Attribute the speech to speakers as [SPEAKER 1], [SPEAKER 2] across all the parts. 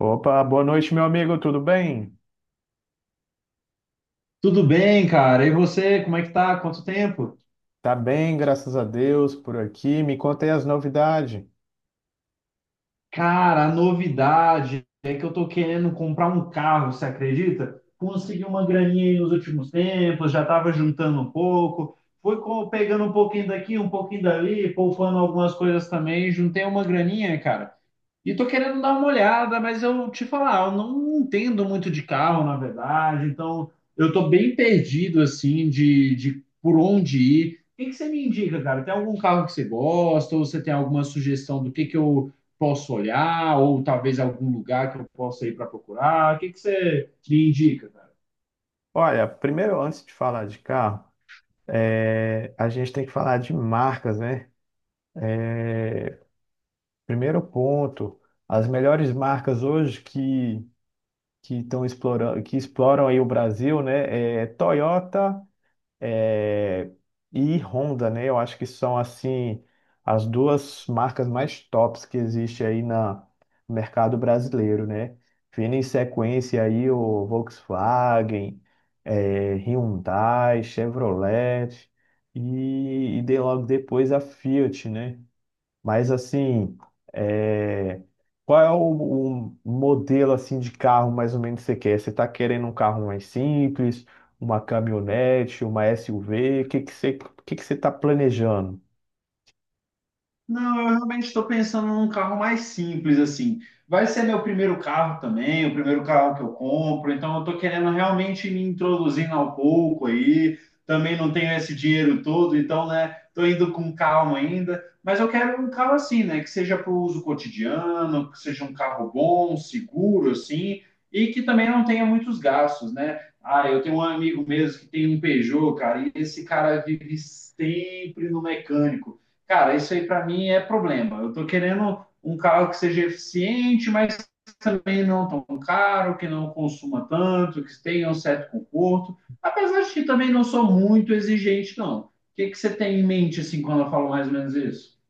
[SPEAKER 1] Opa, boa noite, meu amigo, tudo bem?
[SPEAKER 2] Tudo bem, cara? E você, como é que tá? Quanto tempo?
[SPEAKER 1] Tá bem, graças a Deus, por aqui. Me conta aí as novidades.
[SPEAKER 2] Cara, a novidade é que eu tô querendo comprar um carro, você acredita? Consegui uma graninha aí nos últimos tempos, já tava juntando um pouco, pegando um pouquinho daqui, um pouquinho dali, poupando algumas coisas também, juntei uma graninha, cara. E tô querendo dar uma olhada, mas eu te falar, eu não entendo muito de carro, na verdade, então eu tô bem perdido, assim, de por onde ir. O que que você me indica, cara? Tem algum carro que você gosta, ou você tem alguma sugestão do que eu posso olhar, ou talvez algum lugar que eu possa ir para procurar? O que que você me indica, cara?
[SPEAKER 1] Olha, primeiro, antes de falar de carro, a gente tem que falar de marcas, né? Primeiro ponto, as melhores marcas hoje que estão explorando, que exploram aí o Brasil, né? É Toyota é, e Honda, né? Eu acho que são assim as duas marcas mais tops que existe aí na no mercado brasileiro, né? Vindo em sequência aí o Volkswagen, é, Hyundai, Chevrolet e logo depois a Fiat, né? Mas assim, é, qual é o modelo assim de carro mais ou menos que você quer? Você está querendo um carro mais simples, uma caminhonete, uma SUV? O que que você está planejando?
[SPEAKER 2] Não, eu realmente estou pensando num carro mais simples, assim. Vai ser meu primeiro carro também, o primeiro carro que eu compro, então eu estou querendo realmente me introduzindo ao pouco aí. Também não tenho esse dinheiro todo, então, né, estou indo com calma ainda. Mas eu quero um carro assim, né, que seja para o uso cotidiano, que seja um carro bom, seguro, assim, e que também não tenha muitos gastos, né? Ah, eu tenho um amigo mesmo que tem um Peugeot, cara, e esse cara vive sempre no mecânico. Cara, isso aí para mim é problema. Eu tô querendo um carro que seja eficiente, mas também não tão caro, que não consuma tanto, que tenha um certo conforto. Apesar de que também não sou muito exigente, não. O que que você tem em mente assim quando eu falo mais ou menos isso?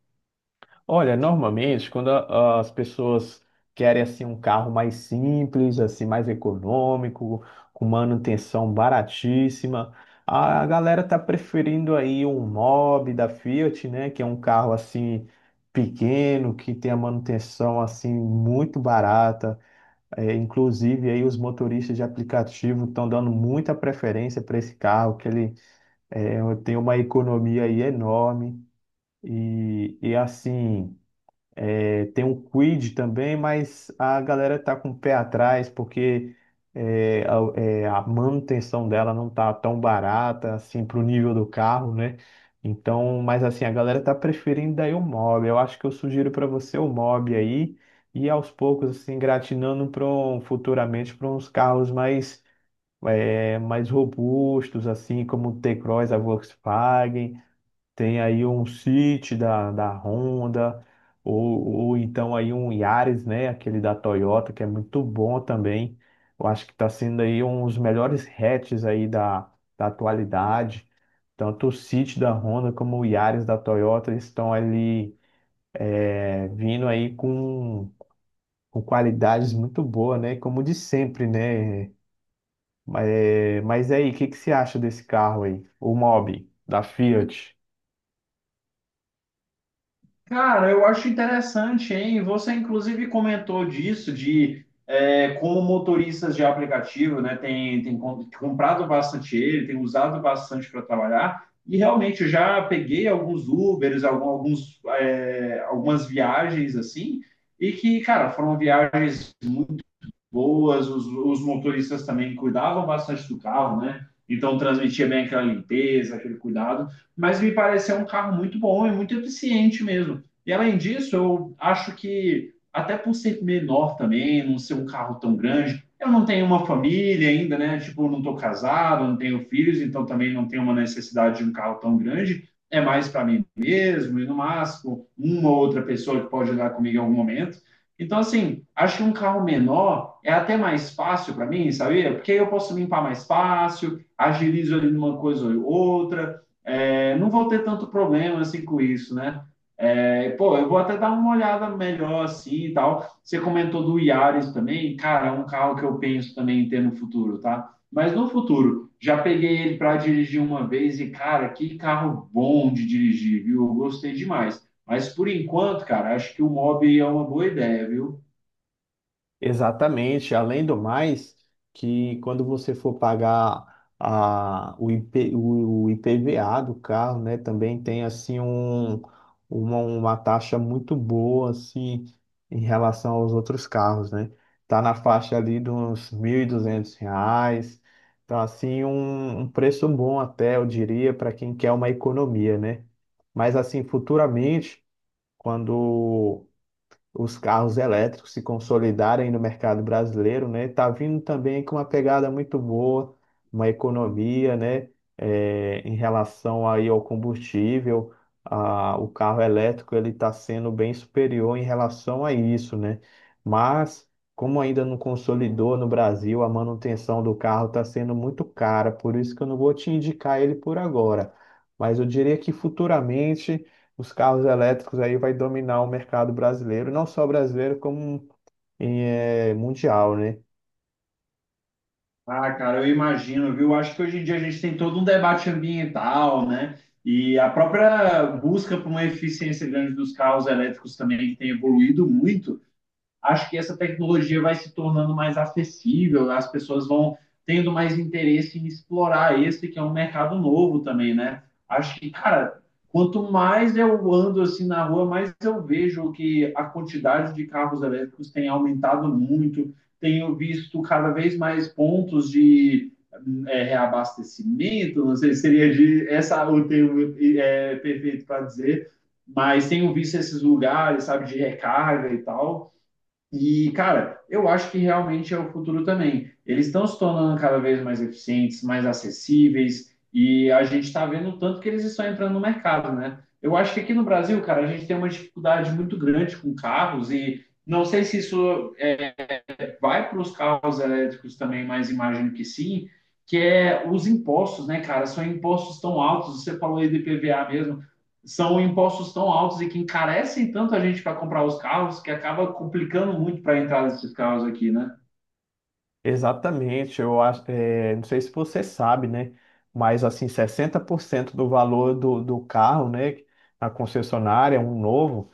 [SPEAKER 1] Olha, normalmente, as pessoas querem assim um carro mais simples, assim mais econômico, com manutenção baratíssima, a galera tá preferindo aí um Mobi da Fiat, né, que é um carro assim pequeno, que tem a manutenção assim muito barata. É, inclusive aí os motoristas de aplicativo estão dando muita preferência para esse carro, que ele é, tem uma economia aí enorme e assim tem um Quid também, mas a galera tá com o pé atrás porque a manutenção dela não tá tão barata assim pro nível do carro, né? Então, mas assim, a galera tá preferindo daí o Mob. Eu acho que eu sugiro para você o Mob aí e aos poucos assim gratinando para futuramente para uns carros mais robustos assim como o T-Cross, a Volkswagen. Tem aí um City da Honda, ou, ou então aí um Yaris, né? Aquele da Toyota, que é muito bom também. Eu acho que está sendo aí um dos melhores hatches aí da atualidade. Tanto o City da Honda como o Yaris da Toyota estão ali vindo aí com qualidades muito boas, né? Como de sempre, né? Mas aí, o que você acha desse carro aí? O Mobi, da Fiat.
[SPEAKER 2] Cara, eu acho interessante, hein? Você inclusive comentou disso, de é, como motoristas de aplicativo, né, comprado bastante ele, tem usado bastante para trabalhar, e realmente eu já peguei alguns Ubers, algumas viagens assim, e que, cara, foram viagens boas, os motoristas também cuidavam bastante do carro, né? Então transmitia bem aquela limpeza, aquele cuidado, mas me pareceu um carro muito bom e muito eficiente mesmo. E além disso, eu acho que até por ser menor também, não ser um carro tão grande, eu não tenho uma família ainda, né? Tipo, eu não estou casado, não tenho filhos, então também não tenho uma necessidade de um carro tão grande. É mais para mim mesmo e no máximo uma ou outra pessoa que pode andar comigo em algum momento. Então, assim, acho que um carro menor é até mais fácil para mim, sabia? Porque eu posso limpar mais fácil, agilizo ali numa coisa ou outra, é, não vou ter tanto problema assim com isso, né? É, pô, eu vou até dar uma olhada melhor assim e tal. Você comentou do Yaris também, cara, é um carro que eu penso também em ter no futuro, tá? Mas no futuro, já peguei ele para dirigir uma vez e, cara, que carro bom de dirigir, viu? Eu gostei demais. Mas por enquanto, cara, acho que o mob é uma boa ideia, viu?
[SPEAKER 1] Exatamente. Além do mais, que quando você for pagar a, o, IP, o, o IPVA do carro, né, também tem assim uma taxa muito boa assim em relação aos outros carros, né? Tá na faixa ali de uns R$ 1.200. Tá assim um preço bom até, eu diria, para quem quer uma economia, né? Mas assim, futuramente, quando os carros elétricos se consolidarem no mercado brasileiro, né? Tá vindo também com uma pegada muito boa, uma economia, né? É, em relação aí ao combustível, o carro elétrico ele está sendo bem superior em relação a isso, né? Mas como ainda não consolidou no Brasil, a manutenção do carro está sendo muito cara, por isso que eu não vou te indicar ele por agora. Mas eu diria que futuramente os carros elétricos aí vai dominar o mercado brasileiro, não só brasileiro, como mundial, né?
[SPEAKER 2] Ah, cara, eu imagino, viu? Acho que hoje em dia a gente tem todo um debate ambiental, né? E a própria busca por uma eficiência grande dos carros elétricos também, que tem evoluído muito, acho que essa tecnologia vai se tornando mais acessível, as pessoas vão tendo mais interesse em explorar esse que é um mercado novo também, né? Acho que, cara, quanto mais eu ando assim na rua, mais eu vejo que a quantidade de carros elétricos tem aumentado muito. Tenho visto cada vez mais pontos de reabastecimento, não sei se seria de, essa o termo é, perfeito para dizer, mas tenho visto esses lugares, sabe, de recarga e tal. E, cara, eu acho que realmente é o futuro também. Eles estão se tornando cada vez mais eficientes, mais acessíveis, e a gente está vendo o tanto que eles estão entrando no mercado, né? Eu acho que aqui no Brasil, cara, a gente tem uma dificuldade muito grande com carros, e não sei se isso vai para os carros elétricos também, mas imagino que sim, que é os impostos, né, cara? São impostos tão altos, você falou aí de PVA mesmo, são impostos tão altos e que encarecem tanto a gente para comprar os carros que acaba complicando muito para a entrada desses carros aqui, né?
[SPEAKER 1] Exatamente, eu acho, não sei se você sabe, né? Mas assim, 60% do valor do carro, né? Na concessionária, um novo,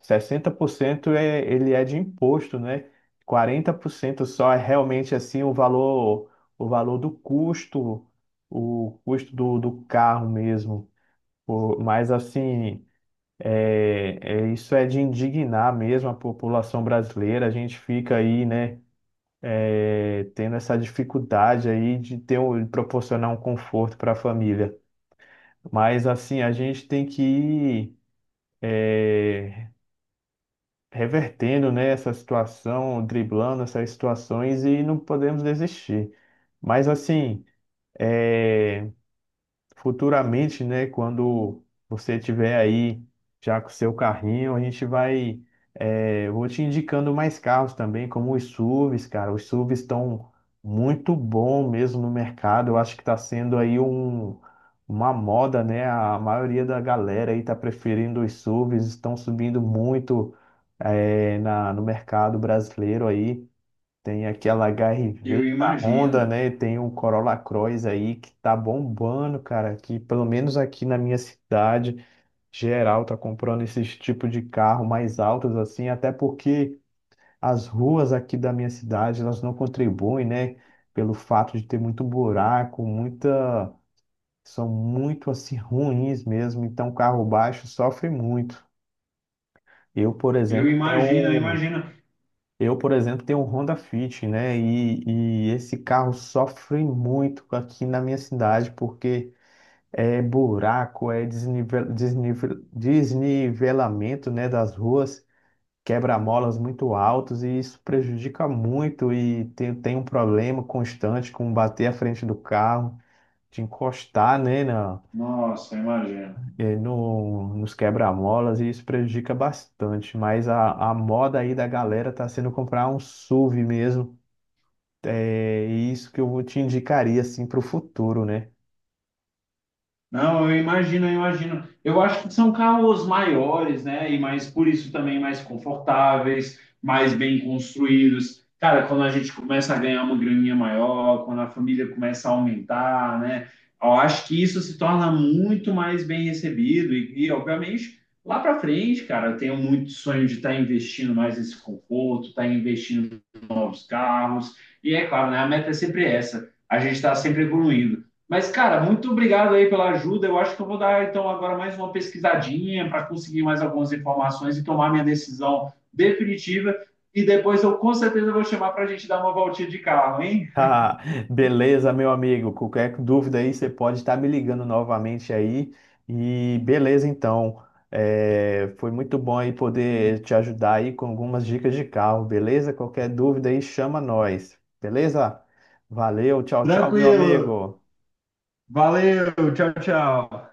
[SPEAKER 1] 60% ele é de imposto, né? 40% só é realmente assim o valor do custo, o custo do carro mesmo. Pô, mas assim, isso é de indignar mesmo a população brasileira. A gente fica aí, né, é, tendo essa dificuldade aí de ter de proporcionar um conforto para a família. Mas assim, a gente tem que ir é, revertendo, né, essa situação, driblando essas situações e não podemos desistir. Mas assim, é. Futuramente, né, quando você tiver aí já com o seu carrinho, a gente vai, é, vou te indicando mais carros também, como os SUVs, cara. Os SUVs estão muito bom mesmo no mercado. Eu acho que está sendo aí uma moda, né? A maioria da galera aí está preferindo os SUVs, estão subindo muito, no mercado brasileiro aí. Tem aquela H R
[SPEAKER 2] Eu
[SPEAKER 1] V da Honda,
[SPEAKER 2] imagino,
[SPEAKER 1] né? Tem o Corolla Cross aí que tá bombando, cara. Que pelo menos aqui na minha cidade, geral tá comprando esses tipos de carro mais altos assim, até porque as ruas aqui da minha cidade, elas não contribuem, né? Pelo fato de ter muito buraco, muita... São muito assim ruins mesmo, então carro baixo sofre muito. Eu, por
[SPEAKER 2] eu
[SPEAKER 1] exemplo, tenho
[SPEAKER 2] imagino, eu
[SPEAKER 1] um
[SPEAKER 2] imagino.
[SPEAKER 1] Eu, por exemplo, tenho um Honda Fit, né? E esse carro sofre muito aqui na minha cidade, porque é buraco, é desnivel, desnivelamento, né, das ruas, quebra-molas muito altos, e isso prejudica muito. E tem um problema constante com bater a frente do carro, de encostar, né, na,
[SPEAKER 2] Nossa, eu imagino.
[SPEAKER 1] eh, no, nos quebra-molas, e isso prejudica bastante. Mas a moda aí da galera tá sendo comprar um SUV mesmo. É é isso que eu te indicaria assim para o futuro, né?
[SPEAKER 2] Não, eu imagino, eu imagino. Eu acho que são carros maiores, né? E mais, por isso também mais confortáveis, mais bem construídos. Cara, quando a gente começa a ganhar uma graninha maior, quando a família começa a aumentar, né? Eu acho que isso se torna muito mais bem recebido. Obviamente, lá para frente, cara, eu tenho muito sonho de estar investindo mais nesse conforto, estar investindo os carros. E é claro, né, a meta é sempre essa. A gente está sempre evoluindo. Mas, cara, muito obrigado aí pela ajuda. Eu acho que eu vou dar, então, agora mais uma pesquisadinha para conseguir mais algumas informações e tomar minha decisão definitiva. E depois eu com certeza vou chamar para a gente dar uma voltinha de carro, hein?
[SPEAKER 1] Ah, beleza, meu amigo. Qualquer dúvida aí, você pode estar me ligando novamente aí. E beleza, então. É, foi muito bom aí poder te ajudar aí com algumas dicas de carro, beleza? Qualquer dúvida aí, chama nós, beleza? Valeu, tchau, tchau, meu
[SPEAKER 2] Tranquilo.
[SPEAKER 1] amigo.
[SPEAKER 2] Valeu. Tchau, tchau.